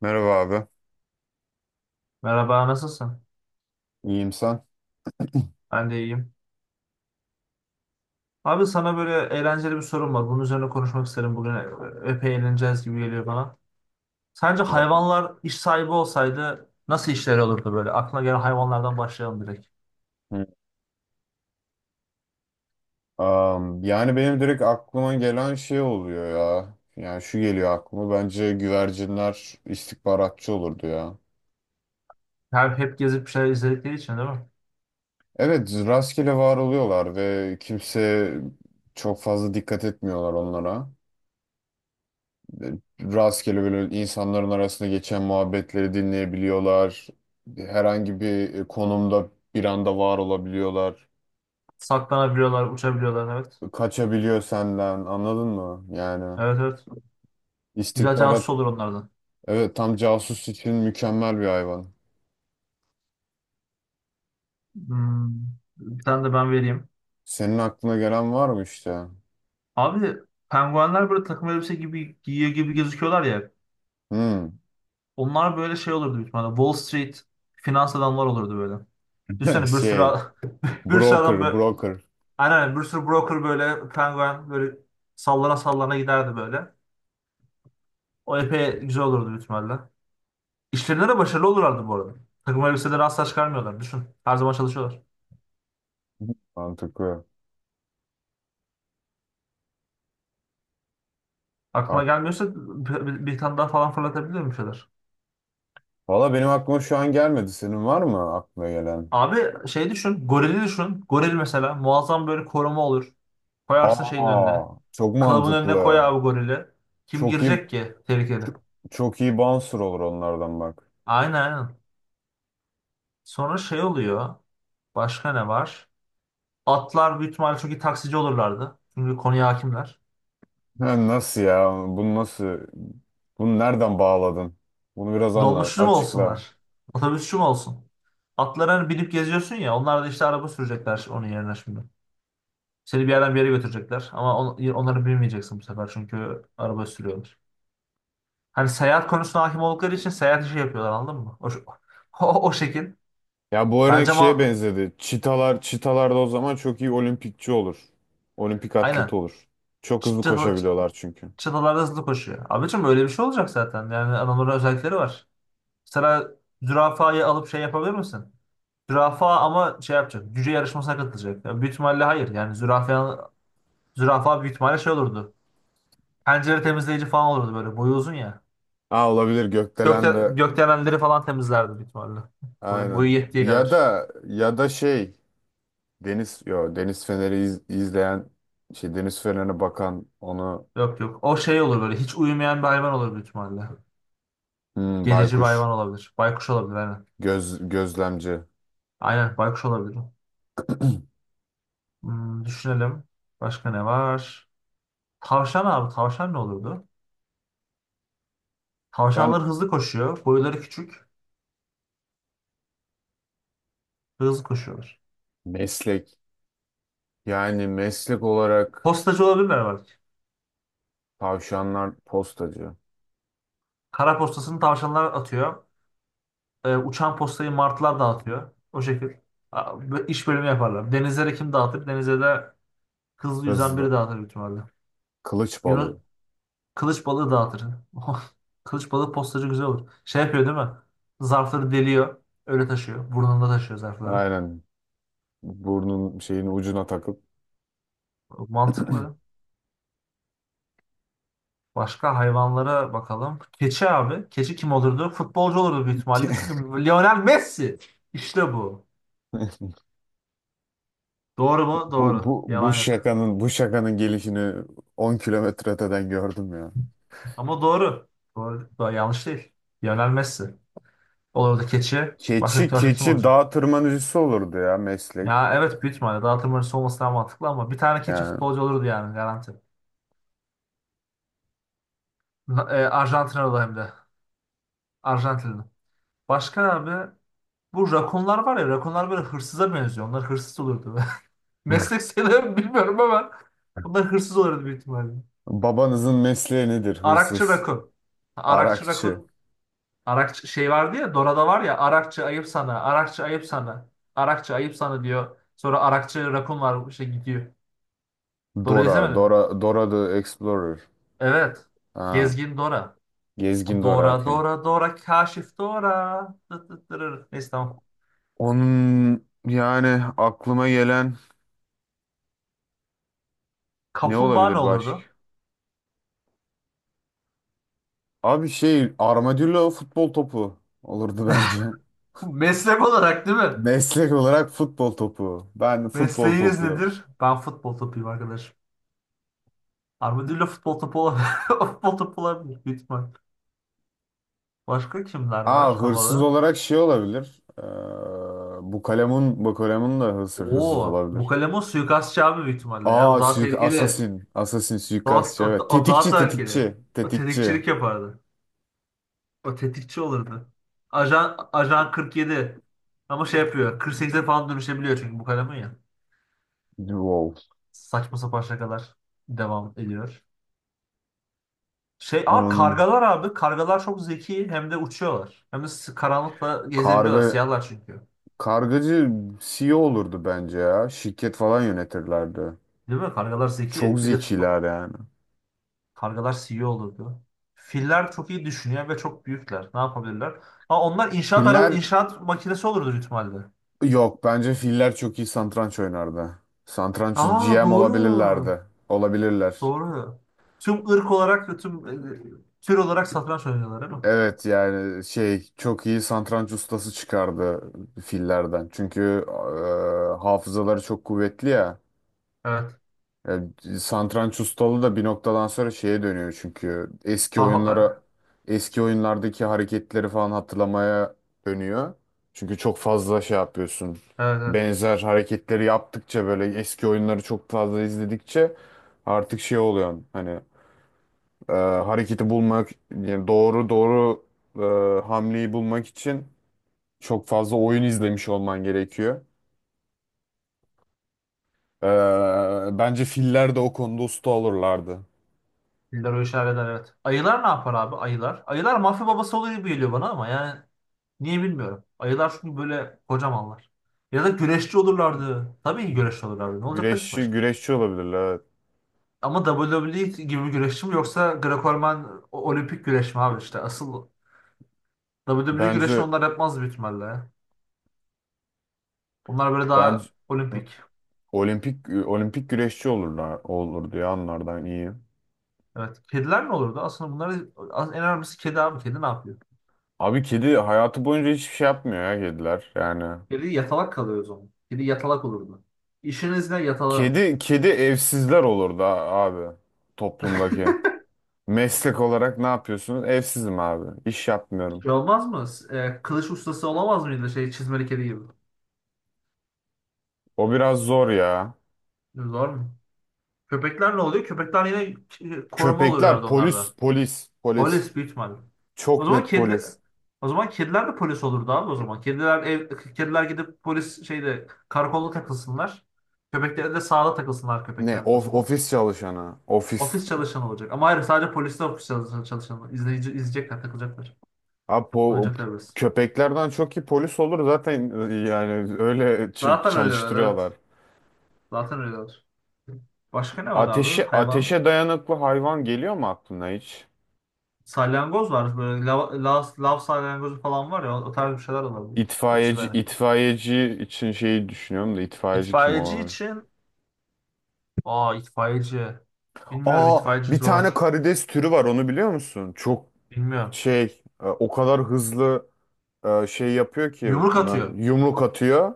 Merhaba abi. Merhaba, nasılsın? İyiyim sen? Ben de iyiyim. Abi sana böyle eğlenceli bir sorum var. Bunun üzerine konuşmak isterim. Bugün epey eğleneceğiz gibi geliyor bana. Sence Zaten. hayvanlar iş sahibi olsaydı nasıl işleri olurdu böyle? Aklına gelen hayvanlardan başlayalım direkt. Hı. Yani benim direkt aklıma gelen şey oluyor ya. Yani şu geliyor aklıma. Bence güvercinler istihbaratçı olurdu ya. Her hep gezip bir şeyler izledikleri için değil mi? Evet, rastgele var oluyorlar ve kimse çok fazla dikkat etmiyorlar onlara. E, Rastgele böyle insanların arasında geçen muhabbetleri dinleyebiliyorlar. Herhangi bir konumda bir anda var olabiliyorlar. Saklanabiliyorlar, uçabiliyorlar. Evet. Kaçabiliyor senden, anladın mı? Yani. Evet, evet. Güzel casus İstihbarat. olur onlardan. Evet, tam casus için mükemmel bir hayvan. Hmm, bir tane de ben vereyim. Senin aklına gelen var mı işte? Abi penguenler böyle takım elbise gibi giyiyor gibi gözüküyorlar ya. Hmm. Onlar böyle şey olurdu büyük ihtimalle. Wall Street finans adamlar olurdu böyle. Düşünsene bir sürü Şey, bir sürü adam broker, böyle broker. aynen bir sürü broker böyle penguen böyle sallana sallana giderdi böyle. O epey güzel olurdu büyük ihtimalle. İşlerinde de başarılı olurlardı bu arada. Takım elbiseleri asla çıkarmıyorlar. Düşün. Her zaman çalışıyorlar. Mantıklı. Aklına Ak. gelmiyorsa bir tane daha falan fırlatabilir bir şeyler? Valla benim aklıma şu an gelmedi. Senin var mı aklına gelen? Abi şey düşün. Gorili düşün. Goril mesela muazzam böyle koruma olur. Koyarsın şeyin önüne. Aa, çok Klabın önüne koy mantıklı. abi gorili. Kim Çok iyi, girecek ki tehlikeli? çok, çok iyi bouncer olur onlardan bak. Aynen, aynen. Sonra şey oluyor. Başka ne var? Atlar büyük ihtimalle çok iyi taksici olurlardı. Çünkü konuya hakimler. Ha, nasıl ya? Bunu nasıl? Bunu nereden bağladın? Bunu biraz anla, Dolmuşçu mu açıkla. olsunlar? Otobüsçü mü olsun? Atlara hani binip geziyorsun ya. Onlar da işte araba sürecekler onun yerine şimdi. Seni bir yerden bir yere götürecekler. Ama onları bilmeyeceksin bu sefer. Çünkü araba sürüyorlar. Hani seyahat konusuna hakim oldukları için seyahat işi yapıyorlar anladın mı? O şekil. Ya bu örnek Bence şeye mal... benzedi. Çitalar da o zaman çok iyi olimpikçi olur. Olimpik atleti Aynen. olur. Çok hızlı Çıta, koşabiliyorlar çünkü. çıtalarda hızlı koşuyor. Abicim öyle bir şey olacak zaten. Yani adamların özellikleri var. Mesela zürafayı alıp şey yapabilir misin? Zürafa ama şey yapacak. Cüce yarışmasına katılacak. Yani büyük ihtimalle hayır. Yani zürafa büyük ihtimalle şey olurdu. Pencere temizleyici falan olurdu böyle. Boyu uzun ya. Aa, olabilir, gökdelen de Gökdelenleri falan temizlerdi büyük ihtimalle. Boyu aynen. yettiği Ya kadar. da ya da şey, deniz yo deniz feneri iz- izleyen şey, deniz fenerine bakan onu. Yok, yok. O şey olur böyle. Hiç uyumayan bir hayvan olur büyük ihtimalle. Hmm, Gececi bir baykuş hayvan olabilir. Baykuş olabilir aynen. göz gözlemci. Aynen baykuş olabilir. Hmm, düşünelim. Başka ne var? Tavşan abi. Tavşan ne olurdu? Ben Tavşanlar hızlı koşuyor. Boyları küçük. Hızlı koşuyorlar. meslek, yani meslek olarak Postacı olabilirler var. tavşanlar postacı, Kara postasını tavşanlar atıyor. Uçan postayı martılar dağıtıyor. O şekil. İş bölümü yaparlar. Denizlere kim dağıtır? Denize de hızlı yüzen biri hızlı, dağıtır büyük ihtimalle. kılıç Yunus balığı. kılıç balığı dağıtır. Kılıç balığı postacı güzel olur. Şey yapıyor değil mi? Zarfları deliyor. Öyle taşıyor. Burnunda taşıyor zarfları. Aynen. Burnun şeyin ucuna takıp. Mantıklı. Başka hayvanlara bakalım. Keçi abi. Keçi kim olurdu? Futbolcu olurdu büyük ihtimalle. Çünkü Lionel Messi. İşte bu. Doğru mu? bu, Doğru. bu, bu Yalan yok. şakanın, bu şakanın gelişini 10 kilometre öteden gördüm ya. Ama doğru. Doğru. Doğru. Yanlış değil. Lionel Messi. Olur da keçi. Başka, Keçi, başka kim keçi olacak? dağ tırmanıcısı olurdu ya, meslek. Ya evet büyük ihtimalle. Dağıtım oyuncusu olması daha mantıklı ama bir tane keçi Yani. futbolcu olurdu yani garanti. Arjantinalı hem de. Arjantinli. Başka abi bu rakunlar var ya rakunlar böyle hırsıza benziyor. Onlar hırsız olurdu. Meslek sayılır mı bilmiyorum ama onlar hırsız olurdu büyük ihtimalle. Babanızın mesleği nedir? Arakçı Hırsız, rakun. Arakçı arakçı. rakun. Arakçı şey vardı ya Dora'da var ya Arakçı ayıp sana, Arakçı ayıp sana, Arakçı ayıp sana diyor. Sonra Arakçı Rakun var şey gidiyor. Dora Dora, izlemedin mi? Dora the Explorer. Evet. Ha, Gezgin Dora. gezgin Dora, Dora okey. Dora Dora Kaşif Dora. Tıt tıt tırır. Neyse tamam. Onun, yani aklıma gelen ne Kaplumbağa ne olabilir olurdu? başka? Abi, şey, armadillo futbol topu olurdu bence. Meslek olarak değil mi? Meslek olarak futbol topu. Ben futbol Mesleğiniz topu. nedir? Ben futbol topuyum arkadaş. Armadillo futbol topu olabilir. Futbol topu olabilir. Büyük ihtimal. Başka kimler var Aa, hırsız havalı? olarak şey olabilir. Bu kalemun, bu kalemun da hırsız, hırsız Oo, bu olabilir. kalem o suikastçı abi büyük ihtimalle ya. O Aa, daha suik tehlikeli. asasin. Asasin suikastçı, evet. O daha Tetikçi tehlikeli. tetikçi. O Tetikçi. tetikçilik yapardı. O tetikçi olurdu. Ajan, Ajan 47. Ama şey yapıyor. 48'e falan dönüşebiliyor çünkü bu kalemin ya. Wow. Saçma sapan şakalar devam ediyor. Şey, aa Onun kargalar abi. Kargalar çok zeki hem de uçuyorlar. Hem de karanlıkla gezebiliyorlar. karga Siyahlar çünkü. kargacı CEO olurdu bence ya. Şirket falan yönetirlerdi. Değil mi? Kargalar zeki. Çok Bir de zekiler yani. kargalar CEO olurdu. Filler çok iyi düşünüyor ve çok büyükler. Ne yapabilirler? Ha, onlar inşaat araba, Piller. inşaat makinesi olurdu büyük ihtimalle. Yok, bence filler çok iyi satranç oynardı. Satranç Aa GM doğru. olabilirlerdi. Olabilirler. Doğru. Tüm ırk olarak, ve tüm tür olarak satranç oynuyorlar değil mi? Evet, yani şey, çok iyi satranç ustası çıkardı fillerden. Çünkü hafızaları çok kuvvetli ya. Evet. Ya, satranç ustalığı da bir noktadan sonra şeye dönüyor, çünkü eski Ha, oyunlara, ha, eski oyunlardaki hareketleri falan hatırlamaya dönüyor. Çünkü çok fazla şey yapıyorsun. Evet, evet. Benzer hareketleri yaptıkça, böyle eski oyunları çok fazla izledikçe artık şey oluyor, hani hareketi bulmak, yani doğru, doğru hamleyi bulmak için çok fazla oyun izlemiş olman gerekiyor. E, bence filler de o konuda usta olurlardı. Filler o işi halleder evet. Ayılar ne yapar abi? Ayılar. Ayılar mafya babası oluyor gibi geliyor bana ama yani niye bilmiyorum. Ayılar çünkü böyle kocamanlar. Ya da güreşçi olurlardı. Tabii ki güreşçi olurlardı. Ne olacaklar ki Güreşçi başka? güreşçi olabilirler, evet. Ama WWE gibi bir güreşçi mi yoksa Greco-Roman olimpik güreş mi abi işte asıl WWE güreşini Bence, onlar yapmaz büyük ihtimalle. Onlar böyle daha bence olimpik. olimpik güreşçi olurlar, olur diye, anlardan iyi. Evet. Kediler ne olurdu? Aslında bunlar en önemlisi kedi abi. Kedi ne yapıyor? Abi, kedi hayatı boyunca hiçbir şey yapmıyor ya kediler yani. Kedi yatalak kalıyor o zaman. Kedi yatalak olurdu. İşiniz ne yatalak? Kedi evsizler olur da abi, toplumdaki. Meslek olarak ne yapıyorsunuz? Evsizim abi. İş yapmıyorum. Şey olmaz mı? Kılıç ustası olamaz mıydı şey çizmeli kedi gibi? O biraz zor ya. Zor mu? Köpekler ne oluyor? Köpekler yine koruma Köpekler olurlardı polis, onlarda. polis. Polis büyük ihtimalle. O Çok zaman net kediler polis. O zaman kediler de polis olurdu abi o zaman. Kediler kediler gidip polis şeyde karakolda takılsınlar. Köpekler de sahada takılsınlar Ne köpekler o of, zaman. ofis çalışanı. Ofis. Ofis çalışanı olacak. Ama hayır sadece polis de ofis çalışanı. İzleyici, izleyecekler, takılacaklar. Abi po-, Oynayacaklar biraz. köpeklerden çok iyi polis olur zaten, yani öyle ç- Zaten öyleler evet. çalıştırıyorlar. Zaten öyleler. Başka ne var abi? Ateşe, Hayvan. ateşe dayanıklı hayvan geliyor mu aklına hiç? Salyangoz var. Böyle lav salyangozu falan var ya. O tarz bir şeyler olabilir. Ateşe İtfaiyeci, dayanıklı. itfaiyeci için şeyi düşünüyorum da, itfaiyeci kim İtfaiyeci olabilir? için aa itfaiyeci. Bilmiyorum Aa, itfaiyeci bir tane zor. karides türü var, onu biliyor musun? Çok Bilmiyorum. şey, o kadar hızlı şey yapıyor ki, Yumruk na- atıyor. yumruk atıyor.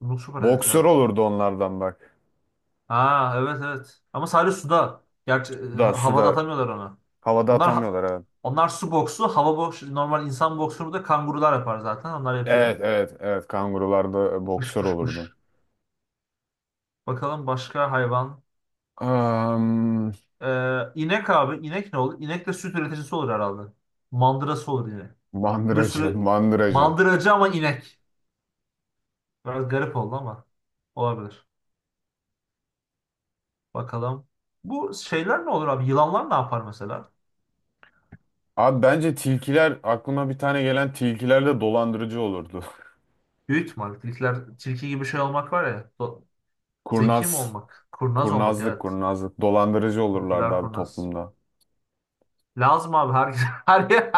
Yumruk süper atletler. Boksör olurdu onlardan bak. Ha, evet, evet. Ama sadece suda. Gerçi Suda havada suda atamıyorlar onu. havada Onlar ha- atamıyorlar, evet. onlar su boksu, hava boksu, normal insan boksunu da kangurular yapar zaten. Onlar yapıyor. Evet, evet, evet, kangurularda Pış boksör pış olurdu. pış. Bakalım başka hayvan. Am, İnek abi. İnek ne olur? İnek de süt üreticisi olur herhalde. Mandırası olur yine. Bir mandıracı. sürü Mandıracı. mandıracı ama inek. Biraz garip oldu ama olabilir. Bakalım. Bu şeyler ne olur abi? Yılanlar ne yapar mesela? Abi, bence tilkiler, aklıma bir tane gelen, tilkiler de dolandırıcı olurdu. Büyük ihtimal. Tilkiler, tilki gibi şey olmak var ya. Do- Zeki mi Kurnaz, olmak? Kurnaz olmak kurnazlık evet. kurnazlık dolandırıcı olurlardı Tilkiler abi, kurnaz. toplumda. Lazım abi her her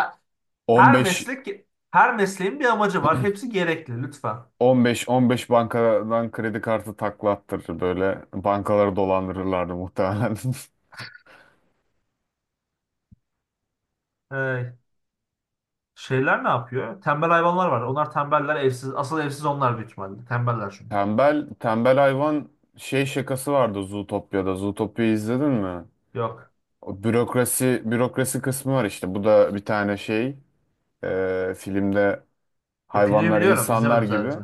her 15 meslek her mesleğin bir amacı var. Hepsi gerekli lütfen. 15 bankadan kredi kartı taklattırır, böyle bankaları dolandırırlardı muhtemelen. Ee, şeyler ne yapıyor? Tembel hayvanlar var. Onlar tembeller evsiz. Asıl evsiz onlar büyük ihtimalle. Tembeller çünkü. Tembel, tembel hayvan şey şakası vardı Zootopya'da. Zootopia'yı izledin mi? Yok. O bürokrasi, bürokrasi kısmı var işte. Bu da bir tane şey, filmde Filmi hayvanlar biliyorum. insanlar İzlemedim gibi. sadece.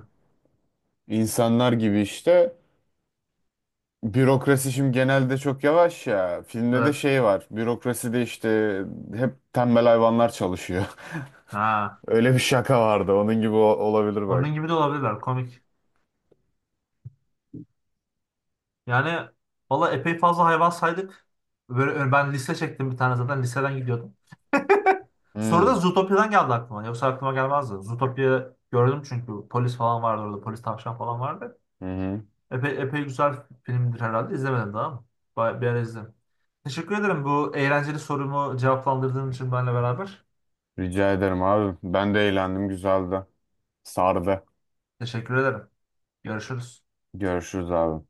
İnsanlar gibi işte. Bürokrasi şimdi genelde çok yavaş ya. Filmde de Evet. şey var. Bürokraside işte hep tembel hayvanlar çalışıyor. Ha. Öyle bir şaka vardı. Onun gibi o- olabilir bak. Onun gibi de olabilirler. Komik. Yani valla epey fazla hayvan saydık. Böyle, ben liste çektim bir tane zaten listeden gidiyordum. Soru da Hmm. Zootopia'dan geldi aklıma. Yoksa aklıma gelmezdi. Zootopia gördüm çünkü polis falan vardı orada. Polis tavşan falan vardı. Hı hı. Epey güzel filmdir herhalde. İzlemedim daha ama. Bir ara izlerim. Teşekkür ederim bu eğlenceli sorumu cevaplandırdığın için benimle beraber. Rica ederim abi. Ben de eğlendim. Güzeldi. Sardı. Teşekkür ederim. Görüşürüz. Görüşürüz abi.